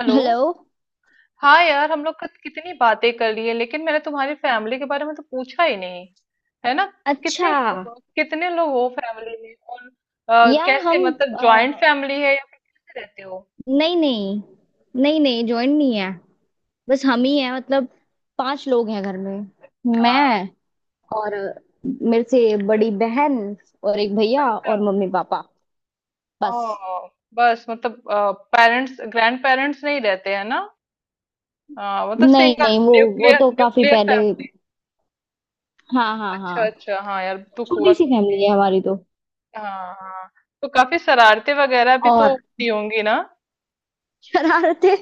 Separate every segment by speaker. Speaker 1: Hello.
Speaker 2: Hello.
Speaker 1: हाँ यार, हम लोग कितनी बातें कर ली है, लेकिन मैंने तुम्हारी फैमिली के बारे में तो पूछा ही नहीं, है ना।
Speaker 2: अच्छा।
Speaker 1: कितने लोग हो फैमिली में, और
Speaker 2: यार
Speaker 1: कैसे,
Speaker 2: हम
Speaker 1: मतलब जॉइंट
Speaker 2: अ,
Speaker 1: फैमिली है या फिर कैसे रहते हो?
Speaker 2: नहीं नहीं नहीं नहीं ज्वाइन नहीं है। बस हम ही हैं मतलब पांच लोग हैं घर में।
Speaker 1: हाँ।
Speaker 2: मैं और मेरे से बड़ी बहन और एक भैया
Speaker 1: अच्छा।
Speaker 2: और मम्मी पापा
Speaker 1: ओ,
Speaker 2: बस।
Speaker 1: बस मतलब पेरेंट्स ग्रैंड पेरेंट्स नहीं रहते हैं ना। हाँ, मतलब
Speaker 2: नहीं
Speaker 1: सिंगल
Speaker 2: नहीं वो
Speaker 1: न्यूक्लियर
Speaker 2: तो काफी
Speaker 1: न्यूक्लियर
Speaker 2: पहले।
Speaker 1: फैमिली।
Speaker 2: हाँ हाँ
Speaker 1: अच्छा
Speaker 2: हाँ।
Speaker 1: अच्छा, हाँ यार, दुख हुआ
Speaker 2: छोटी सी
Speaker 1: सुन
Speaker 2: फैमिली
Speaker 1: के।
Speaker 2: है हमारी तो।
Speaker 1: हाँ हाँ हाँ। तो काफी शरारते वगैरह भी तो
Speaker 2: और
Speaker 1: होती होंगी ना।
Speaker 2: शरारतें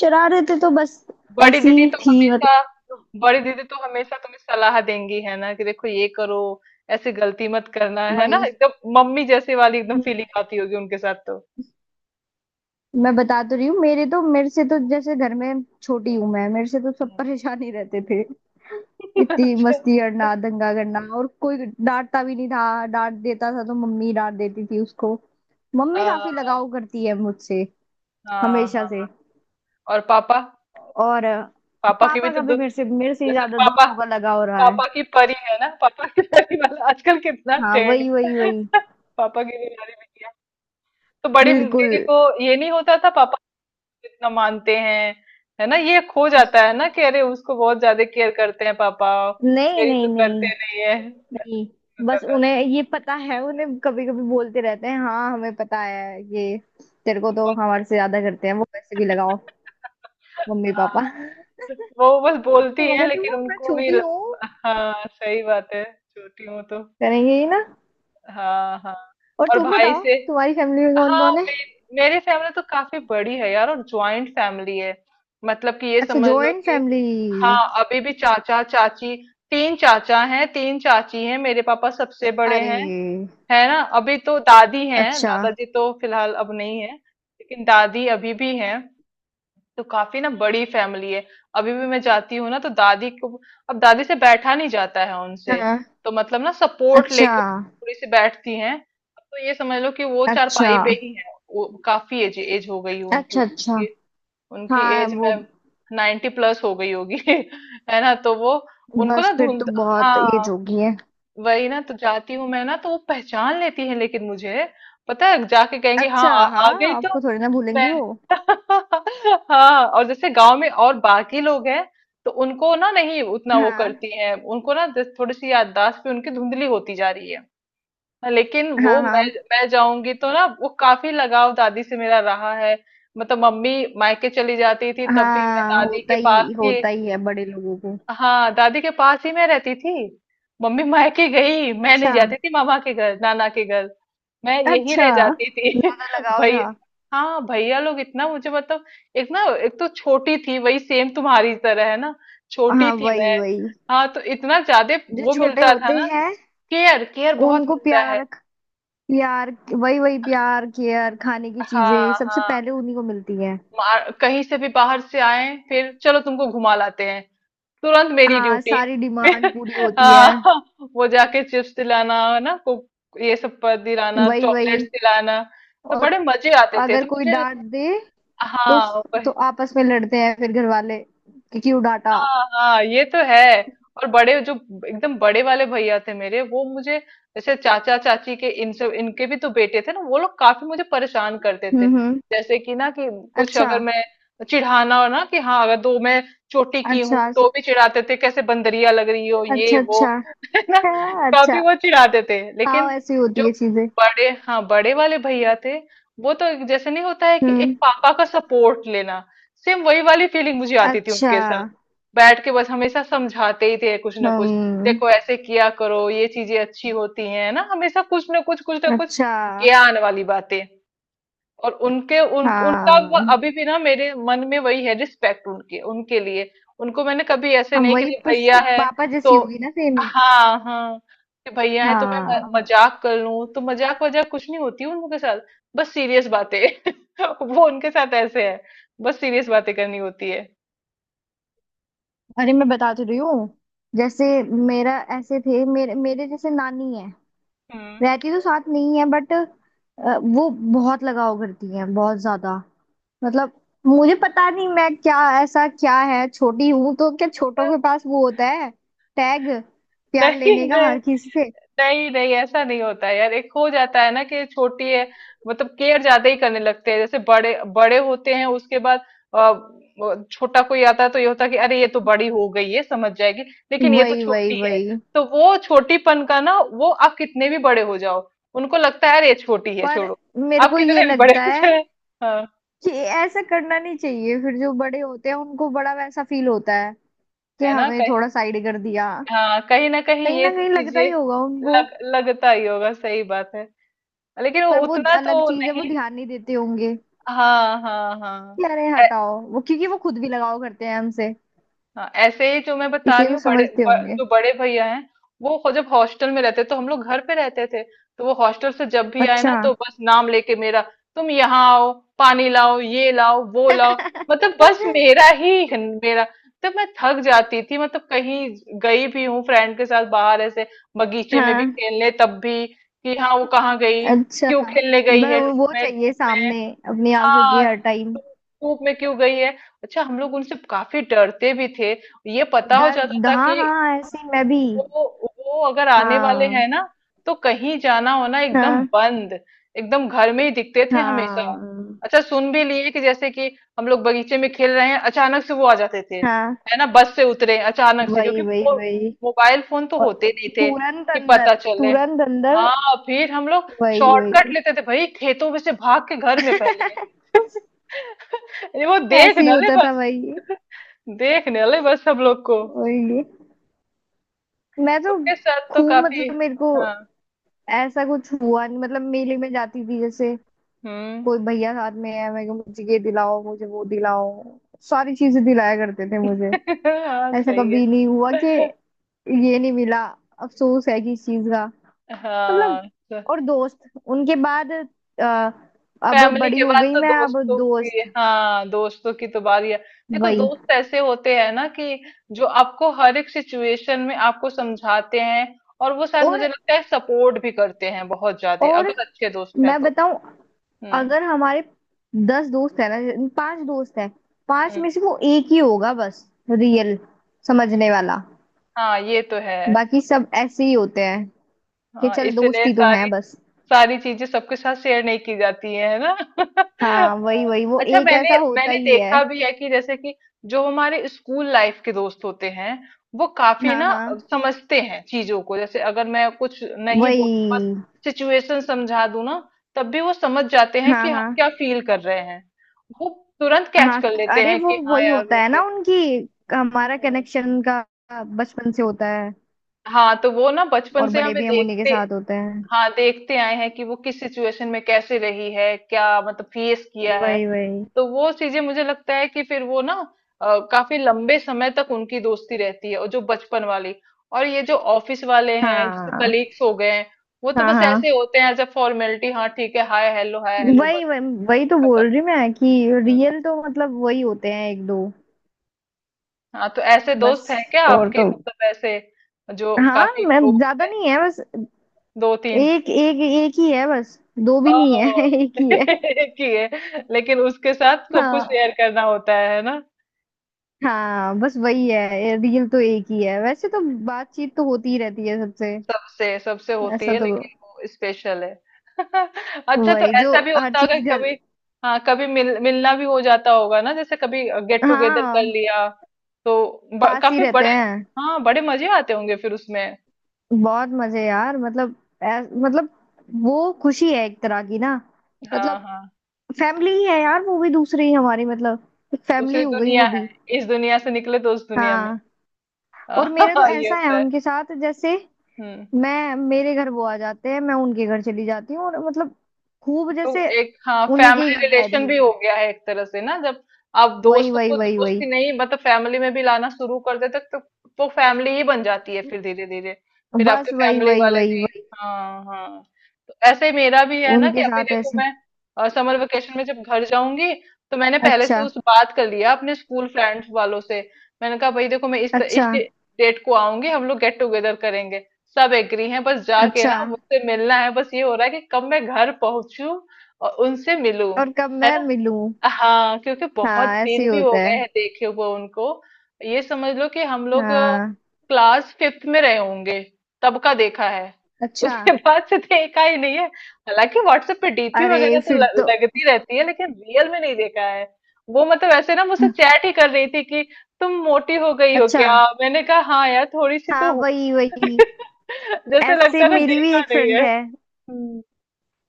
Speaker 2: शरारतें तो बस
Speaker 1: बड़ी
Speaker 2: ऐसी
Speaker 1: दीदी तो
Speaker 2: थी मतलब।
Speaker 1: हमेशा बड़ी दीदी तो हमेशा तुम्हें सलाह देंगी है ना, कि देखो ये करो, ऐसी गलती मत करना, है ना।
Speaker 2: वही
Speaker 1: एकदम मम्मी जैसी वाली एकदम फीलिंग आती होगी उनके साथ तो।
Speaker 2: मैं बता तो रही हूँ मेरे तो मेरे से तो जैसे घर में छोटी हूँ मैं मेरे से तो सब
Speaker 1: हम्म।
Speaker 2: परेशान ही रहते थे। इतनी
Speaker 1: अच्छा।
Speaker 2: मस्ती करना दंगा करना और कोई डांटता भी नहीं था। डांट देता था तो मम्मी डांट देती थी उसको।
Speaker 1: आ,
Speaker 2: मम्मी काफी लगाव करती है मुझसे
Speaker 1: हाँ
Speaker 2: हमेशा
Speaker 1: हाँ।
Speaker 2: से।
Speaker 1: और पापा,
Speaker 2: और
Speaker 1: पापा की भी
Speaker 2: पापा
Speaker 1: तो
Speaker 2: का भी
Speaker 1: दो-
Speaker 2: मेरे से ही
Speaker 1: जैसे
Speaker 2: ज्यादा
Speaker 1: पापा,
Speaker 2: दोनों का लगाव रहा है।
Speaker 1: पापा की परी है ना, पापा की परी वाला आजकल कितना
Speaker 2: हाँ
Speaker 1: ट्रेंड
Speaker 2: वही
Speaker 1: में।
Speaker 2: वही वही।
Speaker 1: पापा की बीमारी भी किया, तो बड़ी
Speaker 2: बिल्कुल।
Speaker 1: दीदी को ये नहीं होता था। कितना मानते हैं, है ना। ये खो जाता है ना कि अरे, उसको बहुत ज्यादा केयर करते हैं पापा,
Speaker 2: नहीं
Speaker 1: मेरी
Speaker 2: नहीं
Speaker 1: तो
Speaker 2: नहीं
Speaker 1: करते नहीं है। तो
Speaker 2: नहीं। बस
Speaker 1: कहता है,
Speaker 2: उन्हें ये पता है। उन्हें कभी कभी बोलते रहते हैं हाँ हमें पता है ये। तेरे को
Speaker 1: तुम
Speaker 2: तो
Speaker 1: बहुत।
Speaker 2: हमारे से ज्यादा करते हैं वो। पैसे भी लगाओ मम्मी पापा।
Speaker 1: हाँ, वो बस बोलती है,
Speaker 2: मगर तुम
Speaker 1: लेकिन
Speaker 2: मैं
Speaker 1: उनको भी
Speaker 2: छोटी हूँ
Speaker 1: हाँ, सही बात है। छोटी हूँ तो।
Speaker 2: करेंगे ही ना।
Speaker 1: हाँ हाँ।
Speaker 2: और
Speaker 1: और
Speaker 2: तुम
Speaker 1: भाई
Speaker 2: बताओ
Speaker 1: से।
Speaker 2: तुम्हारी फैमिली में कौन
Speaker 1: हाँ,
Speaker 2: कौन है।
Speaker 1: मेरी फैमिली तो काफी बड़ी है यार, और ज्वाइंट फैमिली है। मतलब कि ये
Speaker 2: अच्छा
Speaker 1: समझ लो
Speaker 2: जॉइंट
Speaker 1: कि
Speaker 2: फैमिली।
Speaker 1: हाँ, अभी भी चाचा चाची, तीन चाचा हैं तीन चाची हैं, मेरे पापा सबसे बड़े
Speaker 2: अरे।
Speaker 1: हैं, है ना। अभी तो दादी हैं,
Speaker 2: अच्छा।
Speaker 1: दादाजी तो फिलहाल अब नहीं है, लेकिन दादी अभी भी हैं। तो काफी ना बड़ी फैमिली है। अभी भी मैं जाती हूँ ना तो दादी को, अब दादी से बैठा नहीं जाता है उनसे,
Speaker 2: हाँ।
Speaker 1: तो मतलब ना सपोर्ट
Speaker 2: अच्छा
Speaker 1: लेके थोड़ी सी बैठती हैं। अब तो ये समझ लो कि वो
Speaker 2: अच्छा।
Speaker 1: चारपाई पे ही है, वो काफी एज एज हो गई है उनकी
Speaker 2: अच्छा। अच्छा
Speaker 1: उनकी उनकी
Speaker 2: हाँ
Speaker 1: एज
Speaker 2: वो।
Speaker 1: में 90+ हो गई होगी। है ना, तो वो, उनको
Speaker 2: बस
Speaker 1: ना
Speaker 2: फिर
Speaker 1: धुंध।
Speaker 2: तो बहुत एज
Speaker 1: हाँ
Speaker 2: होगी है।
Speaker 1: वही ना, तो जाती हूँ मैं ना तो वो पहचान लेती है, लेकिन मुझे पता है, जाके कहेंगी हाँ,
Speaker 2: अच्छा
Speaker 1: आ
Speaker 2: हाँ
Speaker 1: गई तो।
Speaker 2: आपको थोड़ी ना
Speaker 1: मैं।
Speaker 2: भूलेंगी वो।
Speaker 1: हाँ, और जैसे गांव में और बाकी लोग हैं, तो उनको ना, नहीं उतना वो
Speaker 2: हाँ
Speaker 1: करती हैं, उनको ना जैसे थोड़ी सी याददाश्त भी उनकी धुंधली होती जा रही है। हाँ, लेकिन
Speaker 2: हाँ
Speaker 1: वो
Speaker 2: हाँ
Speaker 1: मैं जाऊंगी तो ना, वो काफी लगाव दादी से मेरा रहा है। मतलब मम्मी मायके चली जाती थी तब भी मैं
Speaker 2: हाँ
Speaker 1: दादी के पास थी।
Speaker 2: होता ही है बड़े लोगों को।
Speaker 1: हाँ, दादी के पास ही मैं रहती थी। मम्मी मायके गई, मैं नहीं
Speaker 2: अच्छा
Speaker 1: जाती थी मामा के घर नाना के घर, मैं यही
Speaker 2: अच्छा।
Speaker 1: रह जाती थी।
Speaker 2: ज्यादा लगाव
Speaker 1: भाई,
Speaker 2: था।
Speaker 1: हाँ, भैया लोग इतना मुझे मतलब, एक ना, एक तो छोटी थी, वही सेम तुम्हारी तरह है ना, छोटी
Speaker 2: हाँ
Speaker 1: थी
Speaker 2: वही
Speaker 1: मैं।
Speaker 2: वही।
Speaker 1: हाँ, तो इतना ज्यादा
Speaker 2: जो
Speaker 1: वो
Speaker 2: छोटे
Speaker 1: मिलता था
Speaker 2: होते
Speaker 1: ना,
Speaker 2: हैं
Speaker 1: केयर, केयर बहुत
Speaker 2: उनको
Speaker 1: मिलता है।
Speaker 2: प्यार। प्यार वही वही। प्यार केयर खाने की
Speaker 1: हाँ
Speaker 2: चीजें सबसे
Speaker 1: हाँ।
Speaker 2: पहले उन्हीं को मिलती है।
Speaker 1: कहीं से भी बाहर से आए, फिर चलो तुमको घुमा लाते हैं, तुरंत मेरी
Speaker 2: हाँ
Speaker 1: ड्यूटी।
Speaker 2: सारी डिमांड पूरी होती है।
Speaker 1: हाँ, वो जाके चिप्स दिलाना है ना को, ये सब पर दिलाना,
Speaker 2: वही
Speaker 1: चॉकलेट्स
Speaker 2: वही।
Speaker 1: दिलाना। तो
Speaker 2: और
Speaker 1: बड़े मजे आते थे
Speaker 2: अगर
Speaker 1: तो
Speaker 2: कोई
Speaker 1: मुझे।
Speaker 2: डांट दे तो
Speaker 1: हाँ
Speaker 2: तो आपस में लड़ते हैं फिर घर वाले कि क्यों डांटा।
Speaker 1: हाँ हाँ, ये तो है। और बड़े जो एकदम बड़े वाले भैया थे मेरे, वो मुझे, जैसे चाचा चाची के इन सब इनके भी तो बेटे थे ना, वो लोग काफी मुझे परेशान करते थे।
Speaker 2: हम्म।
Speaker 1: जैसे कि ना, कि कुछ
Speaker 2: अच्छा
Speaker 1: अगर मैं चिढ़ाना हो ना, कि हाँ, अगर दो मैं चोटी की हूँ
Speaker 2: अच्छा
Speaker 1: तो भी चिढ़ाते थे, कैसे बंदरिया लग रही हो, ये
Speaker 2: अच्छा
Speaker 1: वो।
Speaker 2: अच्छा।
Speaker 1: है ना। काफी
Speaker 2: अच्छा।
Speaker 1: वो चिढ़ाते थे,
Speaker 2: हाँ
Speaker 1: लेकिन
Speaker 2: ऐसी
Speaker 1: जो
Speaker 2: होती है चीजें।
Speaker 1: बड़े, हाँ बड़े वाले भैया थे, वो तो जैसे नहीं होता है कि एक
Speaker 2: हम्म।
Speaker 1: पापा का सपोर्ट लेना, सेम वही वाली फीलिंग मुझे आती थी
Speaker 2: अच्छा।
Speaker 1: उनके, बैठ के बस हमेशा समझाते ही थे कुछ ना कुछ,
Speaker 2: हम्म।
Speaker 1: देखो ऐसे किया करो, ये चीजें अच्छी होती हैं ना, हमेशा कुछ ना कुछ
Speaker 2: अच्छा।
Speaker 1: ज्ञान वाली बातें। और उनका वो
Speaker 2: हाँ
Speaker 1: अभी भी ना मेरे मन में वही है, रिस्पेक्ट उनके उनके लिए। उनको मैंने कभी ऐसे
Speaker 2: हम
Speaker 1: नहीं, कि
Speaker 2: वही
Speaker 1: नहीं, भैया है
Speaker 2: पापा जैसी होगी
Speaker 1: तो।
Speaker 2: ना सेम।
Speaker 1: हाँ हाँ, कि भैया है तो मैं
Speaker 2: हाँ।
Speaker 1: मजाक कर लूं, तो मजाक वजाक कुछ नहीं होती उनके साथ, बस सीरियस बातें। वो उनके साथ ऐसे है, बस सीरियस बातें करनी होती है।
Speaker 2: अरे मैं बता तो रही हूँ। जैसे मेरा ऐसे थे मेरे मेरे जैसे नानी है।
Speaker 1: हम्म।
Speaker 2: रहती तो साथ नहीं है बट वो बहुत लगाव करती है बहुत ज्यादा मतलब। मुझे पता नहीं मैं क्या ऐसा क्या है छोटी हूं तो क्या छोटों के पास वो होता है। टैग प्यार
Speaker 1: नहीं
Speaker 2: लेने का
Speaker 1: नहीं।
Speaker 2: हर किसी से।
Speaker 1: नहीं नहीं, ऐसा नहीं होता है यार, एक हो जाता है ना कि छोटी है, मतलब केयर ज्यादा ही करने लगते हैं। जैसे बड़े बड़े होते हैं उसके बाद, अ, वो छोटा कोई आता है, तो ये होता है कि अरे, ये तो बड़ी हो गई है, समझ जाएगी, लेकिन ये तो
Speaker 2: वही वही
Speaker 1: छोटी है।
Speaker 2: वही।
Speaker 1: तो वो छोटीपन का ना, वो आप कितने भी बड़े हो जाओ, उनको लगता है अरे ये छोटी है,
Speaker 2: पर
Speaker 1: छोड़ो।
Speaker 2: मेरे
Speaker 1: आप
Speaker 2: को ये
Speaker 1: कितने भी बड़े
Speaker 2: लगता
Speaker 1: हो
Speaker 2: है
Speaker 1: जाए। हाँ,
Speaker 2: कि ऐसा करना नहीं चाहिए। फिर जो बड़े होते हैं उनको बड़ा वैसा फील होता है कि
Speaker 1: है ना
Speaker 2: हमें
Speaker 1: कहीं,
Speaker 2: थोड़ा साइड कर दिया।
Speaker 1: हाँ, कहीं ना कहीं
Speaker 2: कहीं
Speaker 1: ये
Speaker 2: ना
Speaker 1: तो
Speaker 2: कहीं लगता ही होगा
Speaker 1: चीजें
Speaker 2: उनको।
Speaker 1: लग लगता ही होगा, सही बात है, लेकिन वो
Speaker 2: पर वो
Speaker 1: उतना
Speaker 2: अलग
Speaker 1: तो
Speaker 2: चीज है
Speaker 1: नहीं।
Speaker 2: वो ध्यान नहीं देते होंगे
Speaker 1: हाँ हाँ हाँ।
Speaker 2: कि अरे हटाओ वो क्योंकि वो खुद भी लगाव करते हैं हमसे।
Speaker 1: हाँ, ऐसे ही जो मैं बता
Speaker 2: इसलिए
Speaker 1: रही
Speaker 2: वो
Speaker 1: हूँ, बड़े
Speaker 2: समझते होंगे।
Speaker 1: जो बड़े भैया हैं, वो जब हॉस्टल में रहते तो हम लोग घर पे रहते थे, तो वो हॉस्टल से जब भी आए ना,
Speaker 2: अच्छा।
Speaker 1: तो बस नाम लेके मेरा, तुम यहाँ आओ, पानी लाओ, ये लाओ वो लाओ, मतलब बस मेरा ही है, मेरा। तब मैं थक जाती थी, मतलब कहीं गई भी हूँ फ्रेंड के साथ बाहर, ऐसे बगीचे में भी
Speaker 2: हाँ
Speaker 1: खेलने, तब भी कि हाँ, वो कहाँ गई,
Speaker 2: अच्छा।
Speaker 1: क्यों खेलने गई
Speaker 2: बस
Speaker 1: है लू
Speaker 2: वो
Speaker 1: में,
Speaker 2: चाहिए
Speaker 1: धूप।
Speaker 2: सामने अपनी आंखों की
Speaker 1: हाँ
Speaker 2: हर टाइम।
Speaker 1: धूप में क्यों गई है। अच्छा, हम लोग उनसे काफी डरते भी थे, ये पता हो जाता
Speaker 2: डर
Speaker 1: था
Speaker 2: हाँ
Speaker 1: कि
Speaker 2: हाँ ऐसे ही मैं भी।
Speaker 1: वो अगर आने वाले
Speaker 2: हाँ
Speaker 1: हैं ना, तो कहीं जाना होना एकदम
Speaker 2: हाँ
Speaker 1: बंद, एकदम घर में ही दिखते थे हमेशा।
Speaker 2: हाँ
Speaker 1: अच्छा, सुन भी लिए कि जैसे कि हम लोग बगीचे में खेल रहे हैं, अचानक से वो आ जाते थे,
Speaker 2: हाँ।
Speaker 1: है ना। बस से उतरे अचानक से,
Speaker 2: वही
Speaker 1: क्योंकि
Speaker 2: वही वही।
Speaker 1: मोबाइल फोन तो
Speaker 2: और
Speaker 1: होते नहीं थे
Speaker 2: तुरंत
Speaker 1: कि पता
Speaker 2: अंदर
Speaker 1: चले।
Speaker 2: तुरंत अंदर।
Speaker 1: हाँ, फिर हम लोग
Speaker 2: वही वही।
Speaker 1: शॉर्टकट लेते थे भाई, खेतों में से भाग के घर में पहले। ये वो देख
Speaker 2: ऐसे ही
Speaker 1: न ले
Speaker 2: होता था
Speaker 1: बस,
Speaker 2: वही।
Speaker 1: देख न ले बस हम लोग को।
Speaker 2: वही। मैं तो
Speaker 1: उनके साथ तो
Speaker 2: खूब
Speaker 1: काफी।
Speaker 2: मतलब मेरे को
Speaker 1: हाँ।
Speaker 2: ऐसा कुछ हुआ नहीं। मतलब मेले में जाती थी जैसे
Speaker 1: हुँ।
Speaker 2: कोई भैया साथ में है। मैं को मुझे ये दिलाओ मुझे वो दिलाओ। सारी चीजें दिलाया करते थे मुझे।
Speaker 1: हाँ,
Speaker 2: ऐसा
Speaker 1: सही है।
Speaker 2: कभी नहीं हुआ कि ये नहीं मिला। अफसोस है किस चीज का मतलब।
Speaker 1: हाँ, तो
Speaker 2: और दोस्त उनके बाद अब
Speaker 1: फैमिली
Speaker 2: बड़ी
Speaker 1: के
Speaker 2: हो
Speaker 1: बाद
Speaker 2: गई
Speaker 1: तो
Speaker 2: मैं अब
Speaker 1: दोस्तों की,
Speaker 2: दोस्त।
Speaker 1: हाँ, दोस्तों की तो बारी है। देखो,
Speaker 2: वही।
Speaker 1: दोस्त ऐसे होते हैं ना कि जो आपको हर एक सिचुएशन में आपको समझाते हैं, और वो शायद
Speaker 2: और
Speaker 1: मुझे लगता है सपोर्ट भी करते हैं बहुत ज़्यादा,
Speaker 2: और
Speaker 1: अगर अच्छे दोस्त हैं
Speaker 2: मैं
Speaker 1: तो।
Speaker 2: बताऊं।
Speaker 1: हुँ,
Speaker 2: अगर हमारे 10 दोस्त है ना पांच दोस्त है। पांच
Speaker 1: हुँ।
Speaker 2: में से वो एक ही होगा बस। रियल समझने वाला।
Speaker 1: हाँ, ये तो है।
Speaker 2: बाकी सब ऐसे ही होते हैं कि
Speaker 1: हाँ,
Speaker 2: चल दोस्त
Speaker 1: इसलिए
Speaker 2: ही तो
Speaker 1: सारी
Speaker 2: हैं बस।
Speaker 1: सारी चीजें सबके साथ शेयर नहीं की जाती हैं, है ना?
Speaker 2: हाँ वही
Speaker 1: अ,
Speaker 2: वही। वो
Speaker 1: अच्छा,
Speaker 2: एक
Speaker 1: मैंने
Speaker 2: ऐसा होता
Speaker 1: मैंने
Speaker 2: ही है।
Speaker 1: देखा भी है कि जैसे कि जो हमारे स्कूल लाइफ के दोस्त होते हैं, वो काफी
Speaker 2: हाँ
Speaker 1: ना
Speaker 2: हाँ।
Speaker 1: समझते हैं चीजों को। जैसे अगर मैं कुछ नहीं
Speaker 2: वही।
Speaker 1: बोलूँ, बस सिचुएशन समझा दूँ ना, तब भी वो समझ जाते हैं
Speaker 2: हाँ
Speaker 1: कि हम
Speaker 2: हाँ
Speaker 1: क्या फील कर रहे हैं। वो तुरंत कैच
Speaker 2: हाँ।
Speaker 1: कर लेते
Speaker 2: अरे
Speaker 1: हैं
Speaker 2: वो
Speaker 1: कि हाँ
Speaker 2: वही
Speaker 1: यार,
Speaker 2: होता है
Speaker 1: ऐसे।
Speaker 2: ना उनकी। हमारा
Speaker 1: हुँ।
Speaker 2: कनेक्शन का बचपन से होता है
Speaker 1: हाँ, तो वो ना बचपन
Speaker 2: और
Speaker 1: से
Speaker 2: बड़े
Speaker 1: हमें
Speaker 2: भी हम उन्हीं के
Speaker 1: देखते,
Speaker 2: साथ होते हैं।
Speaker 1: हाँ, देखते आए हैं कि वो किस सिचुएशन में कैसे रही है, क्या मतलब फेस किया है।
Speaker 2: वही वही।
Speaker 1: तो वो चीजें मुझे लगता है कि फिर वो ना, काफी लंबे समय तक उनकी दोस्ती रहती है, और जो बचपन वाली, और ये जो ऑफिस वाले हैं जैसे
Speaker 2: हाँ।
Speaker 1: कलीग्स हो गए हैं, वो तो
Speaker 2: हाँ
Speaker 1: बस
Speaker 2: हाँ
Speaker 1: ऐसे होते हैं, एज अ फॉर्मेलिटी, हाँ ठीक है, हाय हेलो हाय हेलो,
Speaker 2: वही
Speaker 1: बस
Speaker 2: वही वही तो
Speaker 1: खत्म।
Speaker 2: बोल रही मैं कि
Speaker 1: हम्म।
Speaker 2: रियल तो मतलब वही होते हैं एक दो।
Speaker 1: हाँ, तो ऐसे
Speaker 2: बस
Speaker 1: दोस्त हैं क्या
Speaker 2: और
Speaker 1: आपके,
Speaker 2: तो।
Speaker 1: मतलब ऐसे जो
Speaker 2: हाँ
Speaker 1: काफी
Speaker 2: मैं
Speaker 1: क्लोज
Speaker 2: ज्यादा
Speaker 1: है,
Speaker 2: नहीं है बस।
Speaker 1: दो तीन?
Speaker 2: एक एक एक ही है बस। दो भी नहीं
Speaker 1: ओह!
Speaker 2: है। एक ही है।
Speaker 1: किए। लेकिन उसके साथ सब कुछ शेयर
Speaker 2: हाँ
Speaker 1: करना होता है ना?
Speaker 2: हाँ बस वही है। रियल तो एक ही है वैसे तो। बातचीत तो होती ही रहती है सबसे।
Speaker 1: सबसे सबसे होती
Speaker 2: ऐसा
Speaker 1: है,
Speaker 2: तो।
Speaker 1: लेकिन वो स्पेशल है। अच्छा, तो
Speaker 2: वही जो
Speaker 1: ऐसा भी
Speaker 2: हर
Speaker 1: होता होगा कि
Speaker 2: चीज घर।
Speaker 1: कभी, हाँ, कभी मिलना भी हो जाता होगा ना, जैसे कभी गेट टुगेदर कर
Speaker 2: हाँ
Speaker 1: लिया, तो ब
Speaker 2: पास ही
Speaker 1: काफ़ी
Speaker 2: रहते
Speaker 1: बड़े।
Speaker 2: हैं।
Speaker 1: हाँ, बड़े मज़े आते होंगे फिर उसमें।
Speaker 2: बहुत मजे यार मतलब मतलब वो खुशी है एक तरह की ना
Speaker 1: हाँ,
Speaker 2: मतलब।
Speaker 1: हाँ,
Speaker 2: फैमिली ही है यार वो भी दूसरी ही हमारी मतलब। एक फैमिली
Speaker 1: दूसरी
Speaker 2: हो गई
Speaker 1: दुनिया
Speaker 2: वो
Speaker 1: है।
Speaker 2: भी।
Speaker 1: इस दुनिया से निकले तो उस दुनिया में।
Speaker 2: हाँ। और मेरे तो
Speaker 1: हाँ, ये
Speaker 2: ऐसा है
Speaker 1: होता है।
Speaker 2: उनके साथ जैसे
Speaker 1: हुँ।
Speaker 2: मैं मेरे घर वो आ जाते हैं मैं उनके घर चली जाती हूँ और मतलब खूब
Speaker 1: तो
Speaker 2: जैसे
Speaker 1: एक, हाँ,
Speaker 2: उन्हीं के ही
Speaker 1: फैमिली
Speaker 2: घर रह रही
Speaker 1: रिलेशन
Speaker 2: हूँ
Speaker 1: भी हो
Speaker 2: मैं।
Speaker 1: गया है एक तरह से ना, जब आप
Speaker 2: वही
Speaker 1: दोस्त
Speaker 2: वही
Speaker 1: को
Speaker 2: वही
Speaker 1: दोस्त
Speaker 2: वही।
Speaker 1: ही नहीं, मतलब फैमिली में भी लाना शुरू कर देते, तो वो फैमिली ही बन जाती है फिर धीरे धीरे, फिर आपके
Speaker 2: बस वही
Speaker 1: फैमिली
Speaker 2: वही
Speaker 1: वाले
Speaker 2: वही
Speaker 1: भी।
Speaker 2: वही।
Speaker 1: हाँ हाँ। तो ऐसे ही मेरा भी है ना, कि
Speaker 2: उनके
Speaker 1: अभी
Speaker 2: साथ
Speaker 1: देखो
Speaker 2: ऐसे।
Speaker 1: मैं समर वेकेशन में जब घर जाऊंगी, तो मैंने पहले से
Speaker 2: अच्छा
Speaker 1: उस बात कर लिया अपने स्कूल फ्रेंड्स वालों से। मैंने कहा भाई देखो, मैं
Speaker 2: अच्छा
Speaker 1: इस डेट को आऊंगी, हम लोग गेट टुगेदर करेंगे। सब एग्री हैं, बस जाके
Speaker 2: अच्छा।
Speaker 1: ना मुझसे मिलना है। बस ये हो रहा है कि कब मैं घर पहुंचू और उनसे मिलूं,
Speaker 2: और कब
Speaker 1: है
Speaker 2: मैं मिलूं।
Speaker 1: ना। हाँ, क्योंकि बहुत
Speaker 2: हाँ ऐसे
Speaker 1: दिन
Speaker 2: ही
Speaker 1: भी हो
Speaker 2: होता है।
Speaker 1: गए हैं देखे हुए उनको। ये समझ लो कि हम लोग
Speaker 2: हाँ।
Speaker 1: क्लास फिफ्थ में रहे होंगे, तब का देखा है,
Speaker 2: अच्छा।
Speaker 1: उसके बाद से देखा ही नहीं है। हालांकि व्हाट्सएप पे डीपी
Speaker 2: अरे
Speaker 1: वगैरह तो
Speaker 2: फिर तो।
Speaker 1: लगती रहती है, लेकिन रियल में नहीं देखा है। वो मतलब ऐसे ना मुझसे चैट ही कर रही थी कि तुम मोटी हो गई हो
Speaker 2: अच्छा।
Speaker 1: क्या? मैंने कहा हाँ यार, थोड़ी सी तो
Speaker 2: हाँ
Speaker 1: हूँ।
Speaker 2: वही वही।
Speaker 1: जैसे
Speaker 2: ऐसे
Speaker 1: लगता है ना
Speaker 2: मेरी भी
Speaker 1: देखा
Speaker 2: एक
Speaker 1: नहीं
Speaker 2: फ्रेंड
Speaker 1: है।
Speaker 2: है।
Speaker 1: हम्म।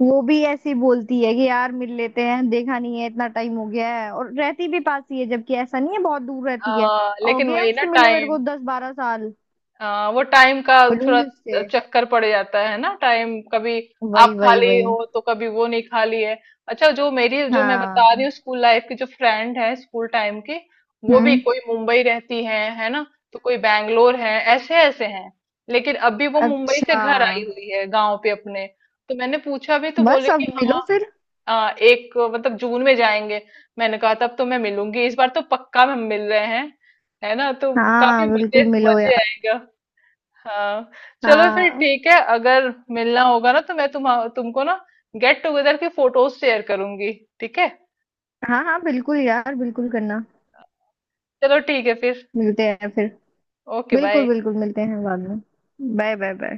Speaker 2: वो भी ऐसी बोलती है कि यार मिल लेते हैं देखा नहीं है इतना टाइम हो गया है और रहती भी पास ही है जबकि ऐसा नहीं है बहुत दूर रहती है। हो
Speaker 1: लेकिन
Speaker 2: गया
Speaker 1: वही ना
Speaker 2: उससे मिले मेरे
Speaker 1: टाइम,
Speaker 2: को 10-12 साल।
Speaker 1: वो टाइम का थोड़ा
Speaker 2: मिलूंगी उससे।
Speaker 1: चक्कर पड़ जाता है ना, टाइम कभी
Speaker 2: वही
Speaker 1: आप
Speaker 2: वही
Speaker 1: खाली
Speaker 2: वही।
Speaker 1: हो तो कभी वो नहीं खाली है। अच्छा, जो मेरी जो मैं बता रही
Speaker 2: हाँ
Speaker 1: हूँ स्कूल लाइफ की जो फ्रेंड है, स्कूल टाइम की, वो भी
Speaker 2: हम्म।
Speaker 1: कोई मुंबई रहती है ना, तो कोई बैंगलोर है, ऐसे ऐसे हैं। लेकिन अभी वो मुंबई से
Speaker 2: अच्छा
Speaker 1: घर आई हुई है गांव पे अपने, तो मैंने पूछा भी, तो बोले
Speaker 2: बस अब
Speaker 1: कि
Speaker 2: मिलो
Speaker 1: हाँ,
Speaker 2: फिर।
Speaker 1: एक मतलब जून में जाएंगे। मैंने कहा तब तो मैं मिलूंगी, इस बार तो पक्का हम मिल रहे हैं, है ना तो।
Speaker 2: हाँ
Speaker 1: काफी मजे
Speaker 2: बिल्कुल मिलो
Speaker 1: मजे
Speaker 2: यार।
Speaker 1: आएगा। हाँ, चलो फिर
Speaker 2: हाँ
Speaker 1: ठीक है, अगर मिलना होगा ना तो मैं तुमको ना गेट टुगेदर की फोटोज शेयर करूंगी, ठीक है।
Speaker 2: हाँ हाँ बिल्कुल यार बिल्कुल करना।
Speaker 1: चलो ठीक है फिर।
Speaker 2: मिलते हैं फिर।
Speaker 1: Okay, bye.
Speaker 2: बिल्कुल बिल्कुल मिलते हैं बाद में। Bye bye bye.